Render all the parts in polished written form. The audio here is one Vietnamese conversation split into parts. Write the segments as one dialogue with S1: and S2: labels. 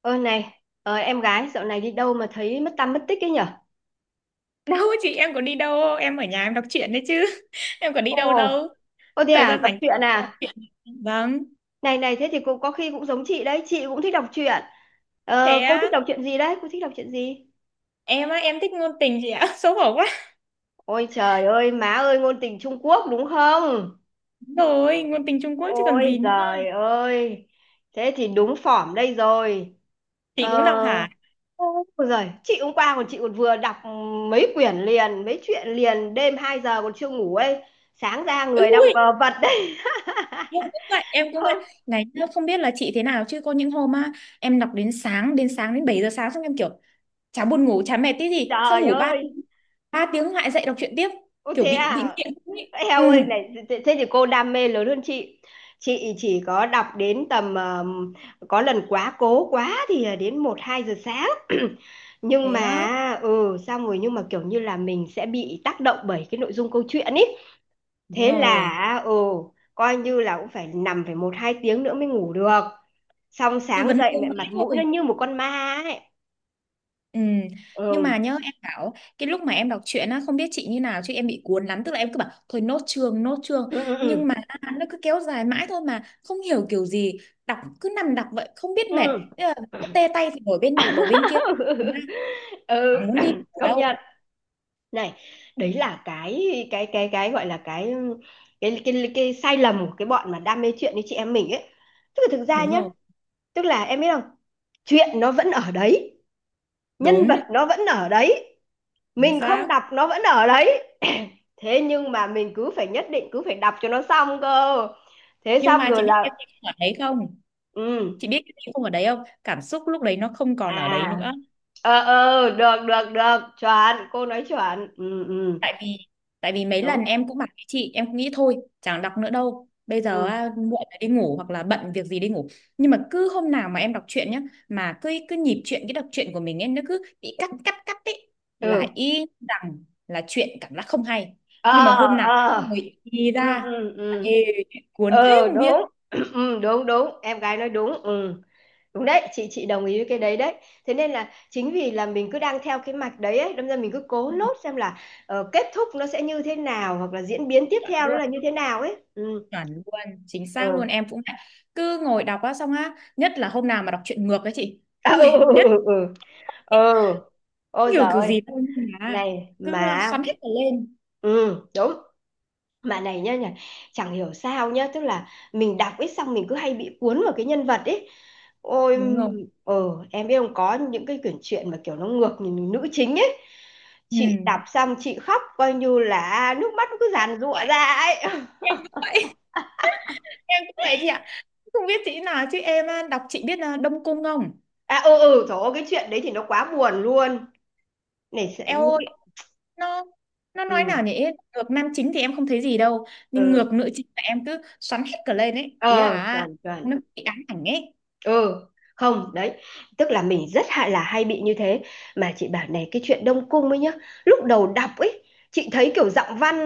S1: Ơ này, em gái dạo này đi đâu mà thấy mất tăm mất tích ấy nhở?
S2: Đâu chị em có đi đâu. Em ở nhà em đọc truyện đấy chứ. Em có đi
S1: Ồ,
S2: đâu đâu.
S1: ô thế
S2: Thời
S1: à,
S2: gian
S1: đọc
S2: rảnh
S1: truyện
S2: đọc
S1: à?
S2: truyện. Vâng.
S1: Này này, thế thì cô có khi cũng giống chị đấy, chị cũng thích đọc truyện.
S2: Thế
S1: Ờ, cô thích đọc truyện gì đấy? Cô thích đọc truyện gì?
S2: á, em thích ngôn tình chị ạ. Xấu hổ quá.
S1: Ôi trời ơi, má ơi, ngôn tình Trung Quốc đúng không?
S2: Đúng rồi, ngôn tình Trung Quốc chứ còn
S1: Ôi
S2: gì nữa.
S1: giời ơi, thế thì đúng phỏm đây rồi.
S2: Chị
S1: Ờ,
S2: cũng đọc hả?
S1: ôi giời, chị hôm qua còn chị còn vừa đọc mấy quyển liền, mấy chuyện liền, đêm 2 giờ còn chưa ngủ ấy. Sáng ra
S2: Ừ,
S1: người đang
S2: ui,
S1: vờ vật đấy.
S2: em cũng vậy, em cũng vậy. Này, nhá, không biết là chị thế nào chứ có những hôm á, em đọc đến sáng, đến 7 giờ sáng xong em kiểu chả buồn ngủ, chả mệt tí gì, xong
S1: Trời
S2: ngủ ba
S1: ơi,
S2: ba tiếng lại dậy đọc truyện tiếp,
S1: ô
S2: kiểu
S1: thế
S2: bị
S1: à?
S2: nghiện ý.
S1: Eo
S2: Ừ,
S1: ơi này, thế thế thì cô đam mê lớn hơn chị. Chị chỉ có đọc đến tầm có lần quá cố quá thì đến một 2 giờ sáng. Nhưng
S2: thế á,
S1: mà ừ xong rồi nhưng mà kiểu như là mình sẽ bị tác động bởi cái nội dung câu chuyện ý.
S2: đúng
S1: Thế
S2: rồi.
S1: là ừ coi như là cũng phải nằm phải một 2 tiếng nữa mới ngủ được. Xong
S2: Cứ
S1: sáng
S2: vấn
S1: dậy
S2: vương
S1: mẹ mặt
S2: mãi
S1: mũi
S2: thôi.
S1: nó như một con ma ấy.
S2: Ừ. Nhưng
S1: Ừ.
S2: mà nhớ em bảo cái lúc mà em đọc truyện á, không biết chị như nào chứ em bị cuốn lắm, tức là em cứ bảo thôi nốt chương nốt chương,
S1: Ừ ừ
S2: nhưng mà nó cứ kéo dài mãi thôi mà không hiểu kiểu gì, đọc cứ nằm đọc vậy không biết mệt.
S1: ừ.
S2: Thế là
S1: Ừ.
S2: cứ tê tay thì đổi bên nọ đổi bên kia,
S1: ừ
S2: chẳng muốn đi ở
S1: công nhận
S2: đâu.
S1: này đấy là cái gọi là cái sai lầm của cái bọn mà đam mê chuyện như chị em mình ấy, tức là thực ra
S2: Đúng
S1: nhá,
S2: rồi,
S1: tức là em biết không, chuyện nó vẫn ở đấy, nhân vật
S2: đúng
S1: nó vẫn ở đấy,
S2: chính
S1: mình không
S2: xác.
S1: đọc nó vẫn ở đấy. Thế nhưng mà mình cứ phải nhất định cứ phải đọc cho nó xong cơ, thế
S2: Nhưng
S1: xong
S2: mà
S1: rồi
S2: chị biết
S1: là
S2: em không ở đấy không,
S1: ừ,
S2: chị biết em không ở đấy không, cảm xúc lúc đấy nó không còn ở đấy
S1: à
S2: nữa.
S1: ờ ờ được được được chuẩn, cô nói chuẩn. Ừ ừ
S2: Tại vì tại vì mấy
S1: đúng
S2: lần em cũng bảo với chị em cũng nghĩ thôi chẳng đọc nữa đâu, bây giờ
S1: ừ
S2: à, muộn rồi đi ngủ, hoặc là bận việc gì đi ngủ. Nhưng mà cứ hôm nào mà em đọc truyện nhá, mà cứ cứ nhịp truyện cái đọc truyện của mình em nó cứ bị cắt cắt cắt ấy, là
S1: ừ
S2: y rằng là chuyện cảm giác không hay.
S1: ờ
S2: Nhưng mà hôm nào
S1: ờ
S2: người đi
S1: ừ
S2: ra
S1: ừ
S2: là ê,
S1: ừ
S2: cuốn thế
S1: ờ
S2: không biết.
S1: đúng. Ừ, đúng đúng em gái nói đúng. Ừ đúng đấy, chị đồng ý với cái đấy đấy. Thế nên là chính vì là mình cứ đang theo cái mạch đấy ấy, đâm ra mình cứ cố
S2: Ừ,
S1: nốt xem là kết thúc nó sẽ như thế nào, hoặc là diễn biến tiếp
S2: chọn
S1: theo nó
S2: luôn,
S1: là như thế nào ấy. Ừ
S2: chuẩn luôn, chính xác luôn,
S1: ừ
S2: em cũng vậy. Cứ ngồi đọc á, xong á, nhất là hôm nào mà đọc truyện ngược ấy, chị
S1: à, ừ
S2: ui, nhất.
S1: ừ ừ ừ ừ.
S2: Ấy,
S1: Ôi giời
S2: kiểu kiểu
S1: ơi
S2: gì thôi nhưng mà
S1: này
S2: cứ
S1: mà
S2: xoắn hết cả lên.
S1: ừ đúng, bạn này nhá nhỉ, chẳng hiểu sao nhá, tức là mình đọc ít xong mình cứ hay bị cuốn vào cái nhân vật ấy. Ôi
S2: Đúng không?
S1: ờ em biết không, có những cái quyển truyện mà kiểu nó ngược nhìn nữ chính ấy,
S2: Ừ,
S1: chị đọc xong chị khóc coi như là nước mắt nó cứ giàn giụa
S2: vậy.
S1: ra ấy.
S2: Em cũng vậy. Em cũng vậy chị ạ. Không biết chị nào chứ em á, đọc chị biết là Đông Cung không?
S1: à ừ ừ trời ơi cái chuyện đấy thì nó quá buồn luôn. Này sẽ
S2: Eo
S1: những
S2: ơi,
S1: cái
S2: nó nó nói
S1: ừ
S2: nào nhỉ. Ngược nam chính thì em không thấy gì đâu, nhưng
S1: ừ
S2: ngược nữ chính là em cứ xoắn hết cả lên ấy, ý
S1: ờ
S2: là
S1: chuẩn chuẩn
S2: nó bị ám ảnh ấy.
S1: ừ không đấy, tức là mình rất hay là hay bị như thế. Mà chị bảo này, cái chuyện Đông Cung ấy nhá, lúc đầu đọc ấy, chị thấy kiểu giọng văn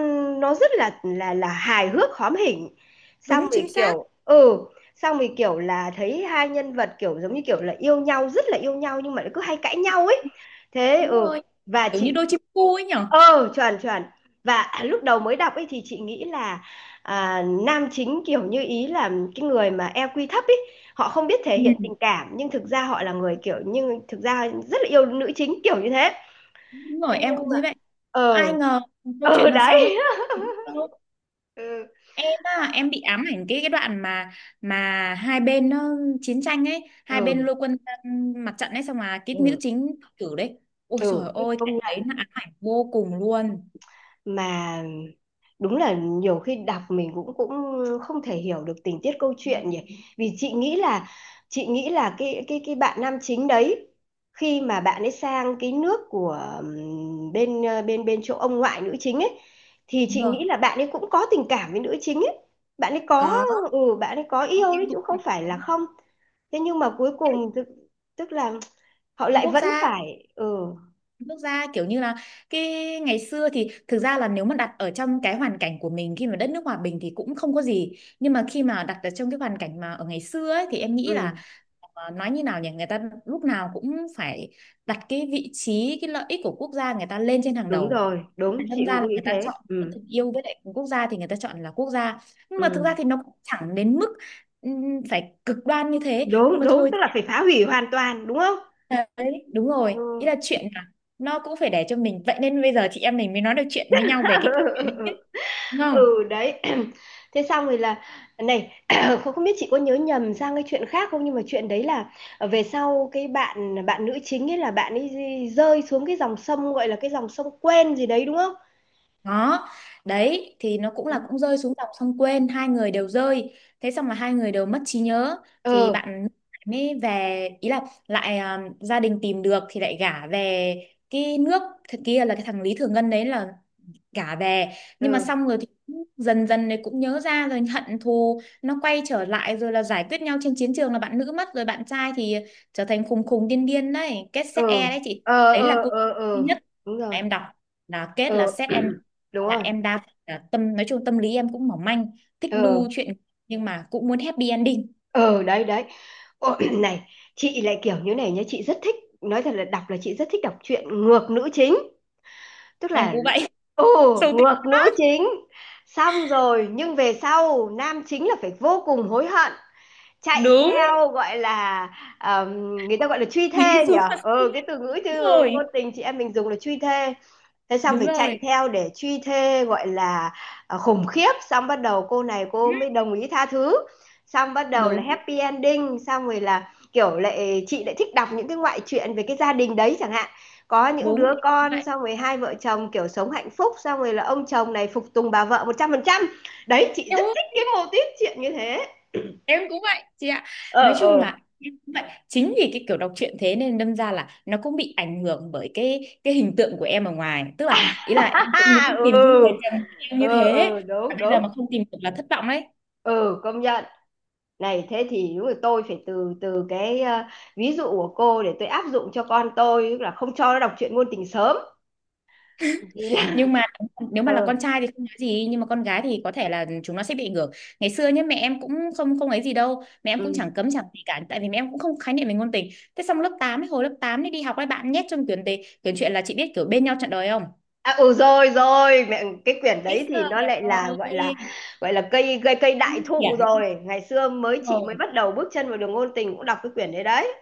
S1: nó rất là là hài hước hóm hỉnh, xong
S2: Đúng chính
S1: rồi
S2: xác.
S1: kiểu ừ xong rồi kiểu là thấy hai nhân vật kiểu giống như kiểu là yêu nhau, rất là yêu nhau nhưng mà lại cứ hay cãi nhau ấy. Thế
S2: Đúng
S1: ừ
S2: rồi.
S1: và
S2: Kiểu như
S1: chị
S2: đôi chim cu ấy nhở.
S1: ờ chuẩn chuẩn, và lúc đầu mới đọc ấy thì chị nghĩ là à, nam chính kiểu như ý là cái người mà EQ thấp ấy, họ không biết thể
S2: Ừ.
S1: hiện tình cảm nhưng thực ra họ là người kiểu, nhưng thực ra rất là yêu nữ chính kiểu như thế.
S2: Đúng
S1: Thế
S2: rồi, em
S1: nhưng
S2: cũng
S1: mà
S2: thấy vậy. Ai
S1: ờ
S2: ngờ câu
S1: ờ
S2: chuyện đằng sau nó,
S1: đấy ừ
S2: em á, em bị ám ảnh cái đoạn mà hai bên nó chiến tranh ấy, hai bên
S1: ừ
S2: lôi quân ra mặt trận ấy, xong mà cái nữ
S1: ừ
S2: chính tử đấy. Ôi trời
S1: ừ
S2: ơi,
S1: công
S2: cảnh đấy nó ám ảnh vô cùng luôn.
S1: mà đúng là nhiều khi đọc mình cũng cũng không thể hiểu được tình tiết câu chuyện nhỉ. Vì chị nghĩ là, chị nghĩ là cái cái bạn nam chính đấy, khi mà bạn ấy sang cái nước của bên ờ, bên bên chỗ ông ngoại nữ chính ấy, thì
S2: Đúng
S1: chị
S2: rồi.
S1: nghĩ là bạn ấy cũng có tình cảm với nữ chính ấy, bạn ấy có
S2: Có,
S1: ừ bạn ấy có
S2: có,
S1: yêu
S2: em
S1: đấy chứ
S2: cũng
S1: không
S2: đọc
S1: phải
S2: có.
S1: là không. Thế nhưng mà cuối cùng tức là họ lại
S2: Quốc
S1: vẫn
S2: gia,
S1: phải ừ
S2: nước ra kiểu như là cái ngày xưa thì thực ra là nếu mà đặt ở trong cái hoàn cảnh của mình khi mà đất nước hòa bình thì cũng không có gì, nhưng mà khi mà đặt ở trong cái hoàn cảnh mà ở ngày xưa ấy, thì em
S1: ừ
S2: nghĩ là ờ, nói như nào nhỉ, người ta lúc nào cũng phải đặt cái vị trí cái lợi ích của quốc gia người ta lên trên hàng
S1: đúng
S2: đầu.
S1: rồi đúng chị
S2: Đâm ra là
S1: cũng nghĩ
S2: người ta
S1: thế.
S2: chọn giữa
S1: Ừ
S2: tình yêu với lại quốc gia thì người ta chọn là quốc gia, nhưng mà thực
S1: ừ.
S2: ra thì nó cũng chẳng đến mức phải cực đoan như thế, nhưng
S1: Đúng
S2: mà
S1: đúng
S2: thôi.
S1: tức là phải phá hủy hoàn toàn đúng không
S2: Đấy, đúng rồi. Ý
S1: ừ,
S2: là chuyện là nó cũng phải để cho mình. Vậy nên bây giờ chị em mình mới nói được chuyện với nhau về cái chuyện đấy chứ. Đúng không?
S1: ừ đấy. Thế xong rồi là này, không không biết chị có nhớ nhầm sang cái chuyện khác không, nhưng mà chuyện đấy là về sau cái bạn bạn nữ chính ấy là bạn ấy rơi xuống cái dòng sông gọi là cái dòng sông quen gì đấy đúng không.
S2: Đó. Đấy, thì nó cũng là
S1: Ừ
S2: cũng rơi xuống dòng sông quên. Hai người đều rơi. Thế xong là hai người đều mất trí nhớ. Thì
S1: ờ
S2: bạn mới về, ý là lại à, gia đình tìm được thì lại gả về cái nước thật kia, là cái thằng Lý Thừa Ngân đấy, là cả về. Nhưng mà
S1: ừ
S2: xong rồi thì cũng dần dần này cũng nhớ ra rồi, hận thù nó quay trở lại, rồi là giải quyết nhau trên chiến trường, là bạn nữ mất, rồi bạn trai thì trở thành khùng khùng điên điên đấy, kết
S1: ừ
S2: set e đấy chị.
S1: ờ
S2: Đấy
S1: ờ
S2: là cũng
S1: ờ
S2: duy
S1: ờ
S2: nhất
S1: đúng
S2: mà
S1: rồi
S2: em đọc là kết
S1: ờ
S2: là set em.
S1: đúng
S2: Là
S1: rồi
S2: em đa phần là tâm, nói chung tâm lý em cũng mỏng manh, thích
S1: ờ
S2: đu chuyện, nhưng mà cũng muốn happy ending.
S1: ừ đấy đấy. Ồ, này chị lại kiểu như này nhá, chị rất thích, nói thật là đọc là chị rất thích đọc truyện ngược nữ chính, tức
S2: Em
S1: là
S2: cũng vậy.
S1: ồ
S2: Sâu tính.
S1: ngược nữ chính, xong rồi nhưng về sau nam chính là phải vô cùng hối hận, chạy
S2: Đúng.
S1: theo gọi là ờm, người ta gọi là truy
S2: Nghĩ
S1: thê
S2: xuống
S1: nhở,
S2: mà suy
S1: ờ
S2: nghĩ.
S1: cái từ ngữ
S2: Đúng
S1: chứ
S2: rồi.
S1: ngôn tình chị em mình dùng là truy thê. Thế xong
S2: Đúng
S1: phải
S2: rồi.
S1: chạy theo để truy thê gọi là à, khủng khiếp, xong bắt đầu cô này cô mới đồng ý tha thứ, xong bắt đầu là
S2: Đúng
S1: happy ending, xong rồi là kiểu lại chị lại thích đọc những cái ngoại truyện về cái gia đình đấy chẳng hạn, có những
S2: đúng.
S1: đứa con,
S2: Vậy.
S1: xong rồi hai vợ chồng kiểu sống hạnh phúc, xong rồi là ông chồng này phục tùng bà vợ một trăm phần trăm. Đấy chị
S2: Eo
S1: rất
S2: ơi,
S1: thích cái mô típ chuyện như thế.
S2: em cũng vậy chị ạ.
S1: Ờ
S2: Nói chung
S1: ờ
S2: là em cũng vậy. Chính vì cái kiểu đọc truyện thế nên đâm ra là nó cũng bị ảnh hưởng bởi cái hình tượng của em ở ngoài, tức là ý là em cũng muốn tìm cái người
S1: ừ
S2: chồng yêu như
S1: ừ
S2: thế.
S1: ừ
S2: Và
S1: đúng
S2: bây giờ mà
S1: đúng
S2: không tìm được là thất vọng đấy.
S1: ừ công nhận. Này thế thì đúng là tôi phải từ từ cái ví dụ của cô để tôi áp dụng cho con tôi, tức là không cho nó đọc truyện ngôn tình sớm. Vì
S2: Nhưng
S1: là-
S2: mà nếu
S1: ờ
S2: mà là con trai thì không nói gì, nhưng mà con gái thì có thể là chúng nó sẽ bị ảnh hưởng. Ngày xưa nhá, mẹ em cũng không không ấy gì đâu, mẹ em cũng
S1: ừ.
S2: chẳng cấm chẳng gì cả, tại vì mẹ em cũng không khái niệm về ngôn tình. Thế xong lớp 8 ấy, hồi lớp 8 ấy đi học ấy, bạn nhét trong quyển đề quyển truyện, là chị biết kiểu bên nhau trọn đời không.
S1: À, ừ rồi rồi mẹ cái quyển
S2: Ít
S1: đấy thì
S2: giờ.
S1: nó lại là gọi là gọi là cây cây cây đại
S2: Dạ,
S1: thụ rồi, ngày xưa
S2: đúng
S1: mới chị
S2: rồi.
S1: mới bắt đầu bước chân vào đường ngôn tình cũng đọc cái quyển đấy đấy.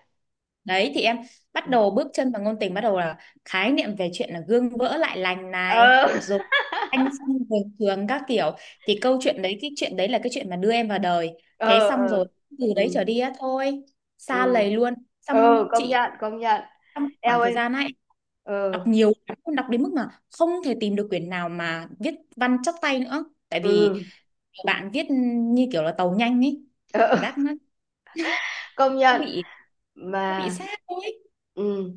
S2: Đấy thì em bắt
S1: Ừ
S2: đầu bước chân vào ngôn tình, bắt đầu là khái niệm về chuyện là gương vỡ lại lành này
S1: ờ
S2: rồi, anh xong về trường các kiểu, thì câu chuyện đấy cái chuyện đấy là cái chuyện mà đưa em vào đời. Thế
S1: ờ
S2: xong
S1: ờ,
S2: rồi từ đấy
S1: ừ
S2: trở đi á, thôi, xa
S1: ừ
S2: lầy luôn. Xong
S1: ừ
S2: chị,
S1: công nhận
S2: trong
S1: eo
S2: khoảng thời
S1: ơi
S2: gian ấy
S1: ừ
S2: đọc nhiều lắm, đọc đến mức mà không thể tìm được quyển nào mà viết văn chắc tay nữa, tại vì
S1: ừ,
S2: bạn viết như kiểu là tàu nhanh ấy, cảm
S1: ừ.
S2: giác nó
S1: Công
S2: nó
S1: nhận
S2: bị, nó bị
S1: mà
S2: sát thôi.
S1: ừ.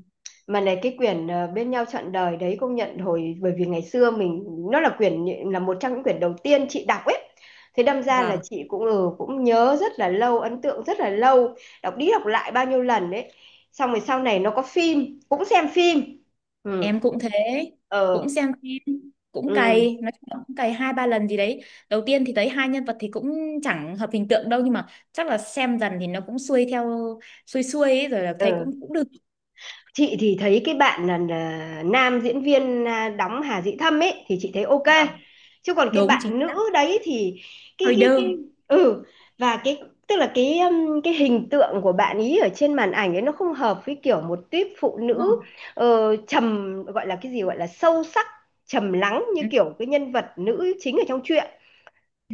S1: Mà này cái quyển bên nhau trọn đời đấy, công nhận hồi bởi vì ngày xưa mình, nó là quyển là một trong những quyển đầu tiên chị đọc ấy, thế đâm ra là
S2: Vâng,
S1: chị cũng ừ, cũng nhớ rất là lâu, ấn tượng rất là lâu, đọc đi đọc lại bao nhiêu lần đấy, xong rồi sau này nó có phim cũng xem phim. Ừ
S2: em cũng thế, cũng
S1: ờ
S2: xem phim, cũng
S1: ừ
S2: cày, nói chung là cũng cày 2-3 lần gì đấy. Đầu tiên thì thấy hai nhân vật thì cũng chẳng hợp hình tượng đâu, nhưng mà chắc là xem dần thì nó cũng xuôi theo xuôi xuôi ấy, rồi là thấy
S1: ừ.
S2: cũng cũng được.
S1: Chị thì thấy cái bạn là nam diễn viên à, đóng Hà Dĩ Thâm ấy thì chị thấy ok,
S2: Vâng,
S1: chứ còn cái
S2: đúng chính
S1: bạn
S2: xác,
S1: nữ đấy thì cái
S2: hơi
S1: cái
S2: đơ.
S1: cái ừ và cái, tức là cái hình tượng của bạn ý ở trên màn ảnh ấy nó không hợp với kiểu một típ phụ
S2: Đúng
S1: nữ
S2: không?
S1: trầm gọi là cái gì gọi là sâu sắc trầm lắng như
S2: Ừ.
S1: kiểu cái nhân vật nữ chính ở trong truyện.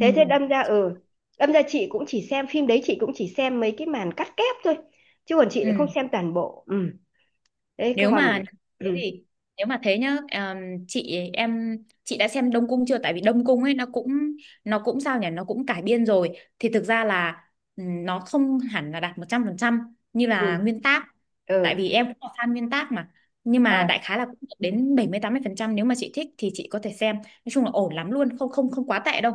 S1: Thế thế đâm ra ừ đâm ra chị cũng chỉ xem phim đấy, chị cũng chỉ xem mấy cái màn cắt ghép thôi, chứ còn chị lại không
S2: Ừ.
S1: xem toàn bộ. Ừ đấy có
S2: Nếu
S1: còn
S2: mà thế
S1: ừ
S2: thì, nếu mà thế nhá, chị em, chị đã xem Đông Cung chưa, tại vì Đông Cung ấy nó cũng, nó cũng sao nhỉ, nó cũng cải biên rồi, thì thực ra là nó không hẳn là đạt 100% như là
S1: ừ
S2: nguyên tác, tại
S1: ừ
S2: vì em cũng là fan nguyên tác mà, nhưng
S1: ờ.
S2: mà đại khái là cũng được đến 70-80%, nếu mà chị thích thì chị có thể xem, nói chung là ổn lắm luôn, không không không quá tệ đâu.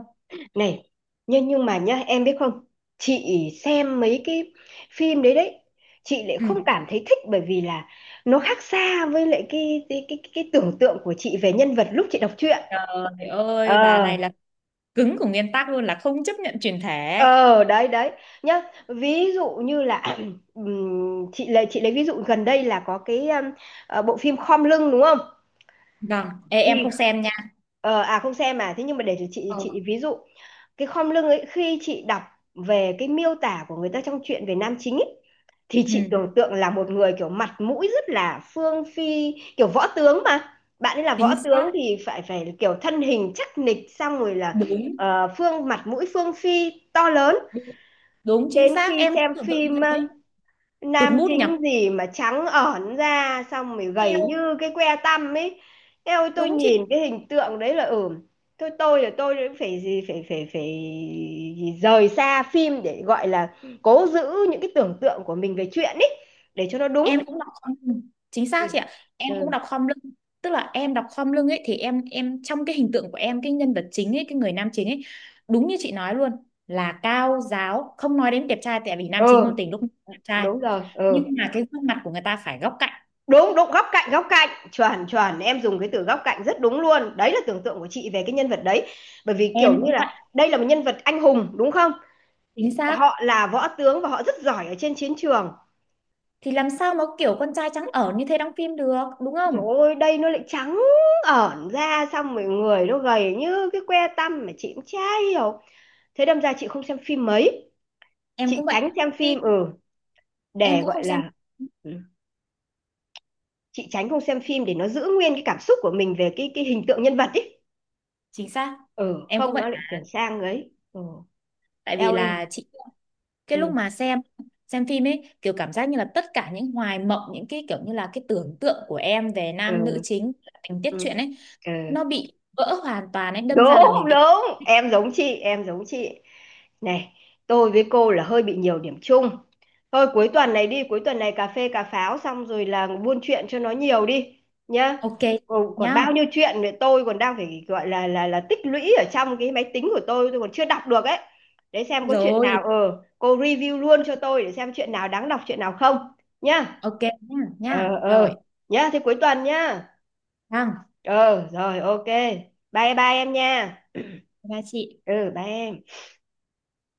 S1: Này, nhưng mà nhá em biết không, chị xem mấy cái phim đấy đấy, chị lại
S2: Ừ.
S1: không cảm thấy thích, bởi vì là nó khác xa với lại cái cái tưởng tượng của chị về nhân vật lúc chị đọc truyện.
S2: Trời ơi, bà
S1: Ờ
S2: này là cứng của nguyên tắc luôn, là không chấp nhận chuyển thể.
S1: ờ đấy đấy nhá, ví dụ như là chị lấy ví dụ gần đây là có cái bộ phim Khom lưng đúng không,
S2: Vâng. Ê, em
S1: thì
S2: không xem nha.
S1: à không xem à, thế nhưng mà để cho
S2: Ừ.
S1: chị ví dụ. Cái khom lưng ấy, khi chị đọc về cái miêu tả của người ta trong truyện về nam chính ấy, thì
S2: Ừ.
S1: chị tưởng tượng là một người kiểu mặt mũi rất là phương phi kiểu võ tướng, mà bạn ấy là võ
S2: Chính xác.
S1: tướng thì phải phải kiểu thân hình chắc nịch, xong rồi là
S2: Đúng,
S1: phương mặt mũi phương phi to lớn.
S2: đúng, đúng, chính
S1: Đến khi
S2: xác, em cũng
S1: xem
S2: tưởng tượng như
S1: phim
S2: thế. Tụt
S1: nam
S2: mút nhỉ?
S1: chính gì mà trắng ẩn ra xong rồi gầy
S2: Theo,
S1: như cái que tăm ấy. Thế ôi tôi
S2: đúng chị,
S1: nhìn cái hình tượng đấy là ừ thôi tôi là tôi cũng phải gì phải phải phải rời xa phim để gọi là cố giữ những cái tưởng tượng của mình về chuyện ấy để cho nó đúng.
S2: em cũng đọc khom lưng. Chính xác
S1: Ừ.
S2: chị ạ. Em cũng
S1: Ừ
S2: đọc khom lưng. Tức là em đọc khom lưng ấy thì em trong cái hình tượng của em cái nhân vật chính ấy, cái người nam chính ấy, đúng như chị nói luôn, là cao giáo, không nói đến đẹp trai, tại vì nam chính
S1: ừ
S2: ngôn tình lúc nào cũng đẹp trai.
S1: đúng rồi
S2: Nhưng
S1: ừ
S2: mà cái gương mặt của người ta phải góc cạnh.
S1: đúng đúng góc cạnh chuẩn chuẩn, em dùng cái từ góc cạnh rất đúng luôn, đấy là tưởng tượng của chị về cái nhân vật đấy. Bởi vì kiểu
S2: Em
S1: như
S2: cũng vậy,
S1: là đây là một nhân vật anh hùng đúng không,
S2: chính xác.
S1: họ là võ tướng và họ rất giỏi ở trên chiến trường.
S2: Thì làm sao mà kiểu con trai trắng ở như thế đóng phim được, đúng không?
S1: Rồi ôi đây nó lại trắng ẩn ra xong rồi người nó gầy như cái que tăm, mà chị cũng chả hiểu. Thế đâm ra chị không xem phim mấy,
S2: Em
S1: chị
S2: cũng vậy.
S1: tránh xem
S2: Khi
S1: phim ừ
S2: em
S1: để
S2: cũng
S1: gọi
S2: không xem,
S1: là ừ, chị tránh không xem phim để nó giữ nguyên cái cảm xúc của mình về cái hình tượng nhân vật ấy.
S2: chính xác,
S1: Ừ
S2: em cũng
S1: không
S2: vậy.
S1: nó lại chuyển sang ấy ừ
S2: Tại vì
S1: eo ơi
S2: là chị, cái lúc
S1: ừ
S2: mà xem phim ấy, kiểu cảm giác như là tất cả những hoài mộng, những cái kiểu như là cái tưởng tượng của em về nam nữ
S1: ừ
S2: chính, tình tiết
S1: ừ
S2: truyện ấy,
S1: ừ
S2: nó bị vỡ hoàn toàn ấy, đâm ra
S1: đúng
S2: là mình bị.
S1: đúng em giống chị em giống chị. Này, tôi với cô là hơi bị nhiều điểm chung. Thôi cuối tuần này đi, cuối tuần này cà phê cà pháo xong rồi là buôn chuyện cho nó nhiều đi nhá.
S2: Ok chị
S1: Còn, còn bao
S2: nhá,
S1: nhiêu chuyện nữa tôi còn đang phải gọi là là tích lũy ở trong cái máy tính của tôi còn chưa đọc được ấy. Để xem có chuyện
S2: rồi.
S1: nào cô review luôn cho tôi để xem chuyện nào đáng đọc chuyện nào không nhá.
S2: Ok nhá,
S1: Ờ
S2: nhá, rồi.
S1: ờ nhá, thế cuối tuần nhá.
S2: Vâng,
S1: Ờ rồi ok. Bye bye em nha.
S2: bye bye chị.
S1: Ừ bye em.